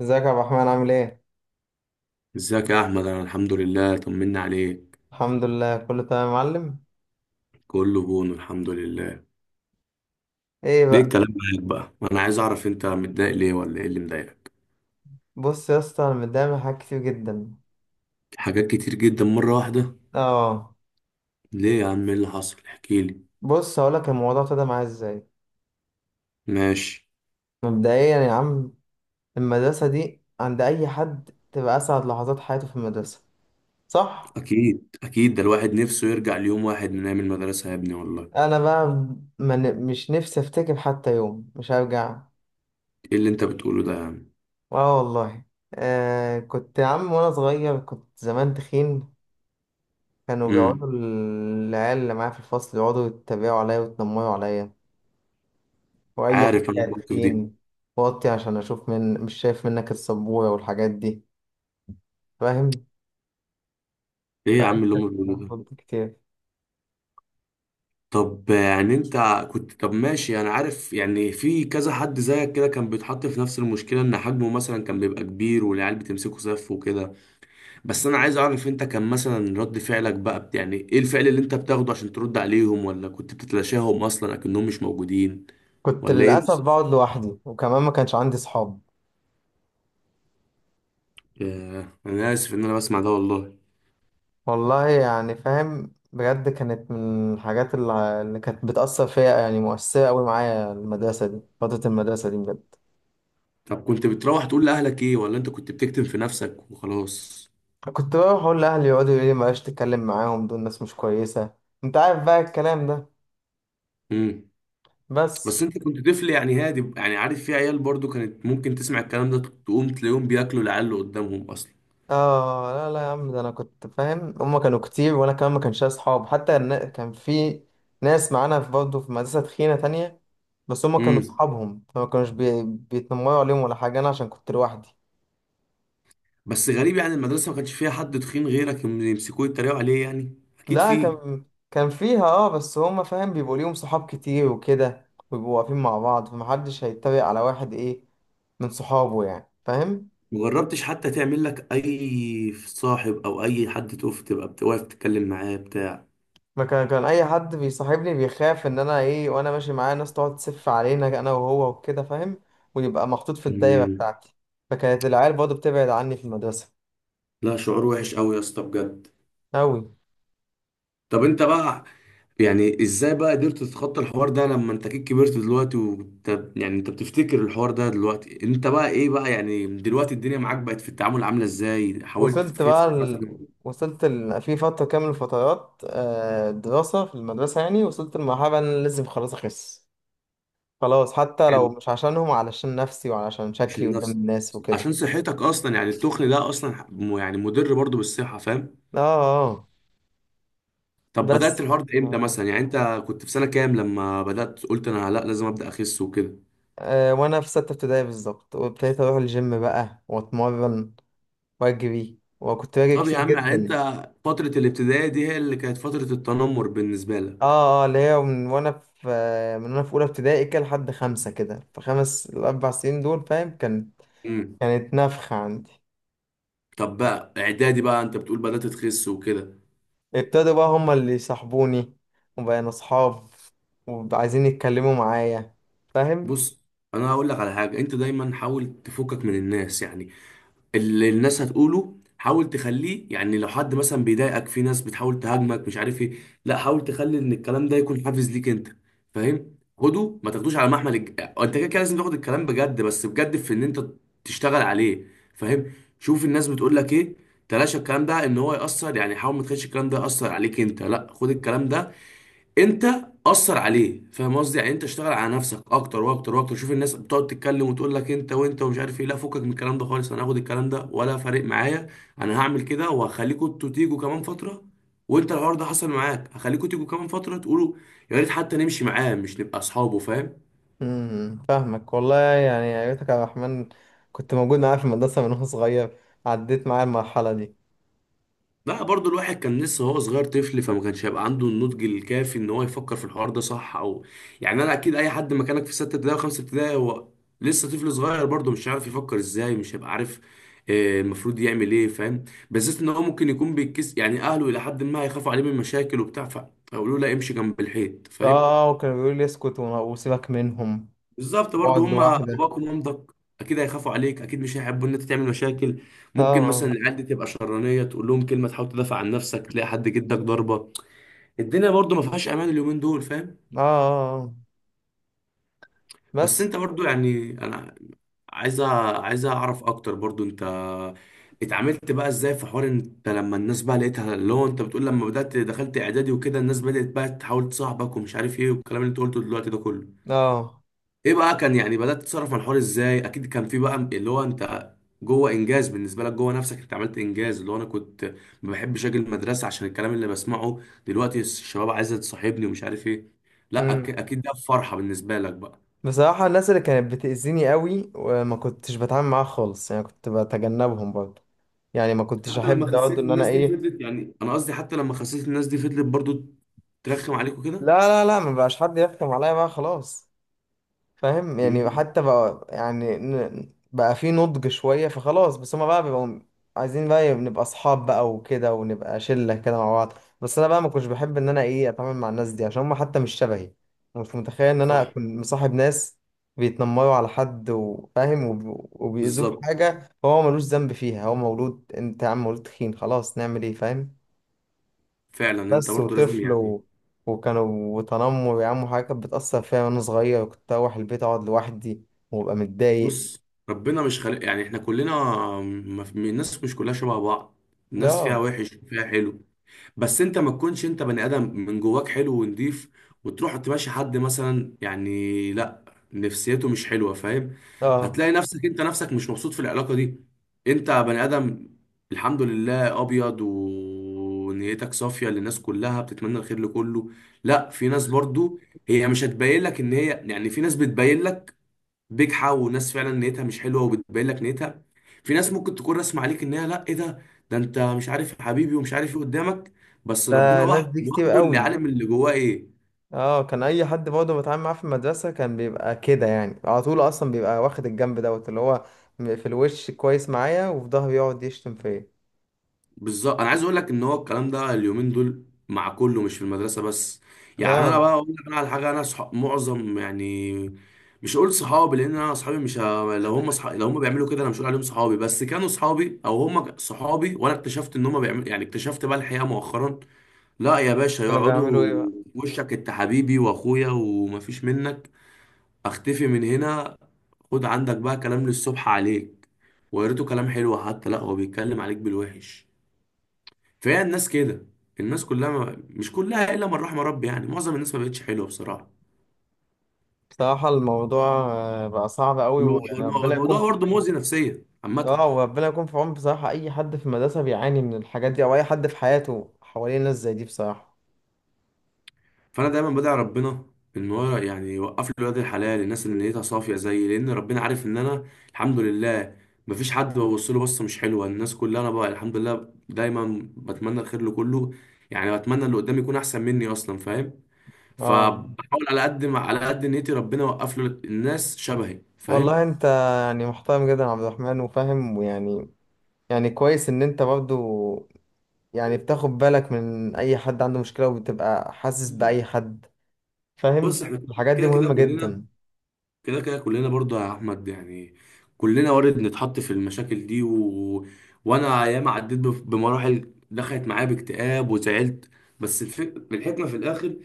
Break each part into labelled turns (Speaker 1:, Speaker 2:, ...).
Speaker 1: ازيك يا عبد الرحمن عامل ايه؟
Speaker 2: ازيك يا احمد؟ انا الحمد لله، طمنا عليك.
Speaker 1: الحمد لله كله تمام يا معلم.
Speaker 2: كله بون، الحمد لله.
Speaker 1: ايه
Speaker 2: ليه
Speaker 1: بقى.
Speaker 2: الكلام معاك بقى، انا عايز اعرف انت متضايق ليه ولا ايه اللي مضايقك؟
Speaker 1: بص يا اسطى انا متضايق من حاجات كتير جدا.
Speaker 2: حاجات كتير جدا مره واحده؟
Speaker 1: اه.
Speaker 2: ليه يا عم؟ ايه اللي حصل؟ احكي لي.
Speaker 1: بص هقولك الموضوع ابتدى معايا ازاي.
Speaker 2: ماشي.
Speaker 1: مبدئيا يا عم، المدرسة دي عند اي حد تبقى اسعد لحظات حياته في المدرسة، صح؟
Speaker 2: اكيد اكيد، ده الواحد نفسه يرجع ليوم واحد من ايام المدرسه يا ابني والله.
Speaker 1: انا بقى مش نفسي افتكر حتى يوم، مش هرجع.
Speaker 2: ايه اللي انت بتقوله ده يا عم؟
Speaker 1: اه والله. آه، كنت يا عم وانا صغير كنت زمان تخين، كانوا
Speaker 2: امم.
Speaker 1: بيقعدوا العيال اللي معايا في الفصل يقعدوا يتريقوا عليا ويتنمروا عليا. واي،
Speaker 2: عارف انا
Speaker 1: حاجه
Speaker 2: الموقف دي.
Speaker 1: تخين، وطي عشان اشوف، مش شايف منك السبوره والحاجات دي، فاهم؟
Speaker 2: ايه يا عم اللي هم بيقولوه ده؟
Speaker 1: فقلت كتير.
Speaker 2: طب يعني انت. كنت، طب ماشي، انا عارف يعني في كذا حد زيك كده كان بيتحط في نفس المشكله، ان حجمه مثلا كان بيبقى كبير والعيال بتمسكه سف وكده. بس انا عايز اعرف، انت كان مثلا رد فعلك بقى يعني ايه الفعل اللي انت بتاخده عشان ترد عليهم، ولا كنت بتتلاشاهم اصلا اكنهم مش موجودين؟
Speaker 1: كنت
Speaker 2: ولا ايه
Speaker 1: للاسف
Speaker 2: بالظبط؟
Speaker 1: بقعد لوحدي وكمان ما كانش عندي صحاب.
Speaker 2: ياه، انا اسف ان انا بسمع ده والله.
Speaker 1: والله يعني فاهم بجد، كانت من الحاجات اللي كانت بتاثر فيا، يعني مؤثره قوي معايا المدرسه دي، فتره المدرسه دي بجد.
Speaker 2: طب كنت بتروح تقول لاهلك ايه، ولا انت كنت بتكتم في نفسك وخلاص؟
Speaker 1: كنت بروح اقول لاهلي، يقعدوا يقولوا لي بلاش تتكلم معاهم، دول ناس مش كويسه، انت عارف بقى الكلام ده.
Speaker 2: امم. بس
Speaker 1: بس.
Speaker 2: انت كنت طفل يعني هادي، يعني عارف في عيال برضو كانت ممكن تسمع الكلام ده تقوم تلاقيهم بياكلوا العيال اللي قدامهم اصلا.
Speaker 1: اه، لا لا يا عم، ده انا كنت فاهم هما كانوا كتير وانا كمان ما كانش ليا اصحاب، حتى كان في ناس معانا في برضه في مدرسة تخينة تانية، بس هما كانوا
Speaker 2: امم.
Speaker 1: اصحابهم فما كانوش بيتنمروا عليهم ولا حاجة، انا عشان كنت لوحدي.
Speaker 2: بس غريب، يعني المدرسه ما كانش فيها حد تخين غيرك يمسكوه يتريقوا عليه يعني، اكيد
Speaker 1: لا،
Speaker 2: فيه.
Speaker 1: كان فيها اه، بس هما فاهم بيبقوا ليهم صحاب كتير وكده ويبقوا واقفين مع بعض، فمحدش هيتريق على واحد، ايه، من صحابه، يعني فاهم.
Speaker 2: مجربتش حتى تعمل لك اي صاحب او اي حد تقف، تبقى بتوقف تتكلم معاه بتاع؟
Speaker 1: ما كان اي حد بيصاحبني بيخاف ان انا ايه، وانا ماشي معاه ناس تقعد تسف علينا انا وهو وكده، فاهم؟ ويبقى محطوط في الدايره
Speaker 2: امم.
Speaker 1: بتاعتي. فكانت العيال برضه بتبعد عني في المدرسه.
Speaker 2: لا، شعور وحش قوي يا اسطى بجد.
Speaker 1: أوي.
Speaker 2: طب انت بقى. يعني ازاي بقى قدرت تتخطى الحوار ده لما انت كده كبرت دلوقتي وانت، يعني انت بتفتكر الحوار ده دلوقتي، انت بقى ايه بقى؟ يعني دلوقتي الدنيا معاك بقت في التعامل عاملة ازاي؟ حاولت
Speaker 1: وصلت
Speaker 2: تخس
Speaker 1: بقى ال...
Speaker 2: مثلا؟
Speaker 1: وصلت ال... في فتره كامل من الفترات، آه، دراسه في المدرسه يعني، وصلت لمرحله ان انا لازم خلاص اخس، خلاص حتى
Speaker 2: حلو.
Speaker 1: لو مش عشانهم، علشان نفسي وعلشان شكلي
Speaker 2: عشان
Speaker 1: قدام
Speaker 2: نفسك.
Speaker 1: الناس وكده.
Speaker 2: عشان صحتك اصلا، يعني التخن ده اصلا يعني مضر برضو بالصحة، فاهم.
Speaker 1: اه. اه.
Speaker 2: طب بدأت
Speaker 1: بس.
Speaker 2: الحوار ده امتى
Speaker 1: آه.
Speaker 2: مثلا يعني انت؟ كنت في سنة كام لما بدأت قلت انا لا لازم أبدأ اخس وكده؟
Speaker 1: آه، وانا في 6 ابتدائي بالظبط، وابتديت اروح الجيم بقى واتمرن واجري وكنت باجري
Speaker 2: طب يا
Speaker 1: كتير
Speaker 2: عم يعني انت،
Speaker 1: جدا.
Speaker 2: فترة الابتدائي دي هي اللي كانت فترة التنمر بالنسبة
Speaker 1: اه
Speaker 2: لك؟
Speaker 1: اه، اللي هي من وانا في اولى ابتدائي كده لحد 5 كده، في خمس ال4 سنين دول، فاهم،
Speaker 2: امم.
Speaker 1: كانت نفخة عندي.
Speaker 2: طب بقى اعدادي بقى انت بتقول بدأت تخس وكده.
Speaker 1: ابتدوا بقى هما اللي يصاحبوني، وبقينا اصحاب، وعايزين يتكلموا معايا، فاهم.
Speaker 2: بص، انا هقول لك على حاجه، انت دايما حاول تفكك من الناس يعني. اللي الناس هتقوله حاول تخليه، يعني لو حد مثلا بيضايقك، في ناس بتحاول تهاجمك مش عارف ايه، لا، حاول تخلي ان الكلام ده يكون حافز ليك انت. فاهم؟ خده، ما تاخدوش على محمل انت كده كده لازم تاخد الكلام بجد، بس بجد، في ان انت تشتغل عليه. فاهم. شوف الناس بتقول لك ايه. تلاشى الكلام ده ان هو يأثر، يعني حاول ما تخليش الكلام ده يأثر عليك انت. لا، خد الكلام ده انت، اثر عليه. فاهم قصدي؟ يعني انت اشتغل على نفسك اكتر واكتر واكتر. شوف الناس بتقعد تتكلم وتقول لك انت وانت ومش عارف ايه، لا فكك من الكلام ده خالص. انا هاخد الكلام ده ولا فارق معايا. انا هعمل كده، وهخليكوا انتوا تيجوا كمان فتره. وانت الحوار ده حصل معاك، هخليكوا تيجوا كمان فتره تقولوا، يا ريت حتى نمشي معاه، مش نبقى اصحابه، فاهم؟
Speaker 1: امم. فاهمك والله، يعني يا ريتك يا عبد الرحمن كنت موجود معايا في المدرسة من وانا صغير، عديت معايا المرحلة دي.
Speaker 2: لا برضو الواحد كان لسه هو صغير طفل، فما كانش هيبقى عنده النضج الكافي ان هو يفكر في الحوار ده صح او، يعني انا اكيد اي حد مكانك في ستة ابتدائي وخمسة ابتدائي، هو لسه طفل صغير برضو، مش عارف يفكر ازاي، مش هيبقى عارف المفروض يعمل ايه، فاهم. بالذات ان هو ممكن يكون بيتكس، يعني اهله الى حد ما هيخافوا عليه من مشاكل وبتاع، فيقولوا له لا، امشي جنب الحيط، فاهم.
Speaker 1: اه، وكان بيقول لي اسكت وسيبك منهم
Speaker 2: بالظبط، برضو
Speaker 1: واقعد
Speaker 2: هم
Speaker 1: لوحدك.
Speaker 2: باباك ومامتك، اكيد هيخافوا عليك، اكيد مش هيحبوا ان انت تعمل مشاكل.
Speaker 1: اه
Speaker 2: ممكن
Speaker 1: اه
Speaker 2: مثلا العيال دي تبقى شرانيه، تقول لهم كلمه تحاول تدافع عن نفسك، تلاقي حد جدك ضربه. الدنيا برضو ما فيهاش امان اليومين دول، فاهم.
Speaker 1: اه. آه.
Speaker 2: بس
Speaker 1: بس.
Speaker 2: انت برضو يعني، انا عايز أ- عايز اعرف اكتر برضو، انت اتعاملت بقى ازاي في حوار انت لما الناس بقى لقيتها، اللي هو انت بتقول لما بدأت دخلت اعدادي وكده الناس بدأت بقى تحاول تصاحبك ومش عارف ايه والكلام اللي انت قلته دلوقتي ده كله،
Speaker 1: اه.
Speaker 2: ايه بقى كان؟ يعني بدأت تتصرف مع الحوار ازاي؟ اكيد كان في بقى اللي هو انت جوه، انجاز بالنسبه لك جوه نفسك، انت عملت انجاز اللي هو: انا كنت ما بحبش اجي المدرسه عشان الكلام اللي بسمعه، دلوقتي الشباب عايزه تصاحبني ومش عارف ايه. لا
Speaker 1: امم.
Speaker 2: اكيد ده فرحه بالنسبه لك بقى.
Speaker 1: بصراحة الناس اللي كانت بتأذيني قوي وما كنتش بتعامل معاها خالص، يعني كنت بتجنبهم برضه، يعني ما كنتش
Speaker 2: حتى لما
Speaker 1: احب
Speaker 2: خسيت
Speaker 1: برضه ان انا
Speaker 2: الناس دي
Speaker 1: ايه.
Speaker 2: فضلت، يعني انا قصدي، حتى لما خسيت الناس دي فضلت برضو ترخم عليك وكده؟
Speaker 1: لا لا لا، ما بقاش حد يحكم عليا بقى خلاص، فاهم. يعني
Speaker 2: مم.
Speaker 1: حتى بقى يعني بقى في نضج شوية فخلاص، بس هما بقى بيبقوا عايزين بقى نبقى أصحاب بقى وكده، ونبقى شلة كده مع بعض. بس أنا بقى ما كنتش بحب إن أنا إيه أتعامل مع الناس دي، عشان هما حتى مش شبهي، مش متخيل إن أنا
Speaker 2: صح.
Speaker 1: أكون مصاحب ناس بيتنمروا على حد وفاهم، وبيأذوه
Speaker 2: بالظبط.
Speaker 1: بحاجة هو ملوش ذنب فيها، هو مولود، أنت يا عم مولود تخين خلاص نعمل إيه، فاهم.
Speaker 2: فعلا انت
Speaker 1: بس
Speaker 2: برضو لازم
Speaker 1: وطفل
Speaker 2: يعني،
Speaker 1: وكانوا، وتنمر يا عم حاجة كانت بتأثر فيا وأنا صغير، كنت أروح البيت أقعد لوحدي وأبقى متضايق.
Speaker 2: بص ربنا مش خالق يعني احنا كلنا، ما في- الناس مش كلها شبه بعض. الناس فيها
Speaker 1: آه.
Speaker 2: وحش وفيها حلو. بس انت ما تكونش انت بني ادم من جواك حلو ونضيف، وتروح تماشي حد مثلا، يعني لا، نفسيته مش حلوه، فاهم.
Speaker 1: آه.
Speaker 2: هتلاقي نفسك انت نفسك مش مبسوط في العلاقه دي. انت بني ادم الحمد لله، ابيض ونيتك صافيه للناس كلها، بتتمنى الخير لكله. لا، في ناس برضو هي مش هتبين لك ان هي، يعني في ناس بتبين لك بجحة، وناس فعلا نيتها مش حلوه وبتبين لك نيتها. في ناس ممكن تكون رسم عليك ان هي، لا، ايه ده، ده انت مش عارف يا حبيبي ومش عارف ايه قدامك. بس
Speaker 1: ده
Speaker 2: ربنا
Speaker 1: الناس
Speaker 2: واحد
Speaker 1: دي كتير
Speaker 2: وحده اللي
Speaker 1: قوي.
Speaker 2: عالم اللي جواه ايه.
Speaker 1: آه، كان أي حد برضه بتعامل معاه في المدرسة كان بيبقى كده، يعني على طول أصلا بيبقى واخد الجنب دوت، اللي هو في الوش كويس معايا وفي ظهري يقعد يشتم فيا.
Speaker 2: بالظبط، انا عايز اقول لك ان هو الكلام ده اليومين دول مع كله، مش في المدرسه بس. يعني انا
Speaker 1: آه.
Speaker 2: بقى اقول لك انا على حاجه، انا معظم يعني، مش هقول صحابي لان انا اصحابي مش ه... لو هم بيعملوا كده، انا مش هقول عليهم صحابي، بس كانوا صحابي او هم صحابي، وانا اكتشفت ان هم بيعملوا يعني، اكتشفت بقى الحقيقه مؤخرا. لا يا باشا،
Speaker 1: كانوا
Speaker 2: يقعدوا
Speaker 1: بيعملوا إيه بقى.
Speaker 2: في وشك: انت حبيبي واخويا ومفيش منك، اختفي من هنا. خد عندك بقى كلام للصبح عليك، وقريته كلام حلو حتى، لا، هو بيتكلم عليك بالوحش. فهي الناس كده. الناس كلها، ما مش كلها الا من رحم ربي، يعني معظم الناس ما بقتش حلوه بصراحه.
Speaker 1: بصراحة الموضوع آه، بقى صعب قوي،
Speaker 2: الو-
Speaker 1: ويعني ربنا يكون
Speaker 2: الموضوع
Speaker 1: في.
Speaker 2: برضه مؤذي نفسيا عامه.
Speaker 1: اه، وربنا يكون في عون، بصراحة أي حد في المدرسة بيعاني من الحاجات دي، أو أي حد في حياته حواليه ناس زي دي، بصراحة.
Speaker 2: فانا دايما بدعي ربنا ان هو يعني يوقف لي ولاد الحلال، الناس اللي نيتها صافيه زيي، لان ربنا عارف ان انا الحمد لله مفيش حد ببص له بصه مش حلوه الناس كلها، انا بقى الحمد لله دايما بتمنى الخير لكله. يعني بتمنى اللي قدامي يكون احسن مني اصلا، فاهم.
Speaker 1: اه،
Speaker 2: فبحاول على قد ما، على قد نيتي، ربنا يوقف له الناس شبهي،
Speaker 1: والله
Speaker 2: فاهم.
Speaker 1: أنت يعني محترم جدا يا عبد الرحمن وفاهم ويعني، يعني كويس إن أنت برضو يعني بتاخد بالك من أي حد عنده مشكلة وبتبقى حاسس بأي حد،
Speaker 2: بص
Speaker 1: فاهم.
Speaker 2: احنا
Speaker 1: الحاجات دي
Speaker 2: كده كده
Speaker 1: مهمة
Speaker 2: كلنا،
Speaker 1: جدا.
Speaker 2: كده كده كلنا برضه يا احمد يعني، كلنا وارد نتحط في المشاكل دي وانا ايام عديت بمراحل دخلت معايا باكتئاب وزعلت. بس الحكمه في الاخر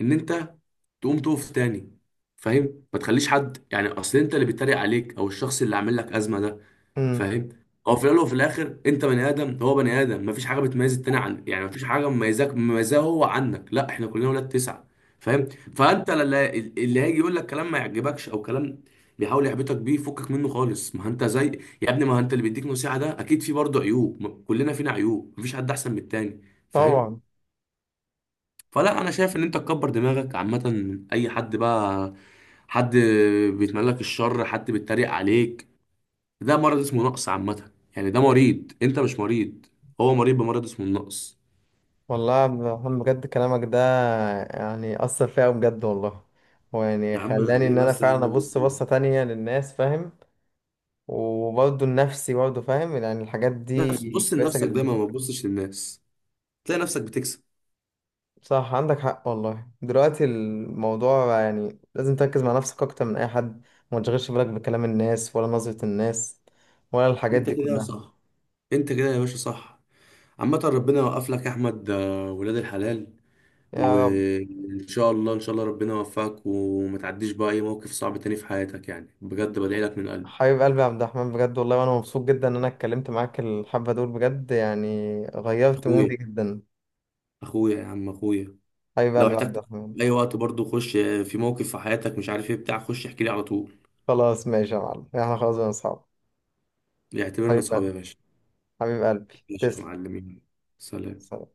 Speaker 2: ان انت تقوم تقف تاني. فاهم؟ ما تخليش حد يعني اصل، انت اللي بيتريق عليك او الشخص اللي عامل لك ازمه ده،
Speaker 1: امم.
Speaker 2: فاهم. هو في الاول وفي الاخر، انت بني ادم هو بني ادم، مفيش حاجه بتميز التاني عن يعني مفيش حاجه مميزاك مميزاه هو عنك، لا احنا كلنا ولاد تسعه. فاهم. فانت اللي هيجي يقول لك كلام ما يعجبكش او كلام بيحاول يحبطك بيه، فكك منه خالص، ما انت زي يا ابني، ما انت اللي بيديك نصيحه ده اكيد في برضه عيوب كلنا فينا عيوب، مفيش حد احسن من التاني. فاهم.
Speaker 1: طبعا.
Speaker 2: فلا، انا شايف ان انت تكبر دماغك، عامه اي حد بقى، حد بيتمنى لك الشر، حد بيتريق عليك، ده مرض اسمه نقص عامة يعني، ده مريض، انت مش مريض، هو مريض بمرض اسمه النقص.
Speaker 1: والله يا عبد الرحمن بجد كلامك ده يعني أثر فيا أوي بجد والله، ويعني
Speaker 2: يا عم،
Speaker 1: خلاني
Speaker 2: عليه
Speaker 1: إن أنا
Speaker 2: بس يا
Speaker 1: فعلا
Speaker 2: عم.
Speaker 1: أبص بصة تانية للناس، فاهم. وبرضه النفسي برضه فاهم، يعني الحاجات دي
Speaker 2: نفس، بص
Speaker 1: كويسة
Speaker 2: لنفسك
Speaker 1: جدا.
Speaker 2: دايما، ما تبصش للناس، تلاقي نفسك بتكسب.
Speaker 1: صح، عندك حق والله، دلوقتي الموضوع يعني لازم تركز مع نفسك أكتر من أي حد، وما تشغلش بالك بكلام الناس ولا نظرة الناس ولا الحاجات
Speaker 2: انت
Speaker 1: دي
Speaker 2: كده
Speaker 1: كلها.
Speaker 2: صح. انت كده يا باشا صح. عامة ربنا يوقف لك يا احمد ولاد الحلال.
Speaker 1: يا رب.
Speaker 2: وان شاء الله، ان شاء الله، ربنا يوفقك وما تعديش بقى اي موقف صعب تاني في حياتك، يعني بجد بدعي لك من قلبي.
Speaker 1: حبيب قلبي يا عبد الرحمن بجد والله، وأنا مبسوط جدا إن أنا اتكلمت معاك الحبة دول بجد، يعني غيرت
Speaker 2: اخويا،
Speaker 1: مودي جدا.
Speaker 2: اخويا يا عم اخويا.
Speaker 1: حبيب
Speaker 2: لو
Speaker 1: قلبي يا عبد
Speaker 2: احتجت
Speaker 1: الرحمن.
Speaker 2: في اي وقت برضو، خش في موقف في حياتك مش عارف ايه بتاع، خش احكي لي على طول.
Speaker 1: خلاص ماشي يا معلم، احنا خلاص بقينا أصحاب.
Speaker 2: يعتبرنا
Speaker 1: حبيب
Speaker 2: اصحاب يا
Speaker 1: قلبي.
Speaker 2: باشا.
Speaker 1: حبيب قلبي
Speaker 2: ماشي يا
Speaker 1: تسلم.
Speaker 2: معلمين، سلام.
Speaker 1: سلام.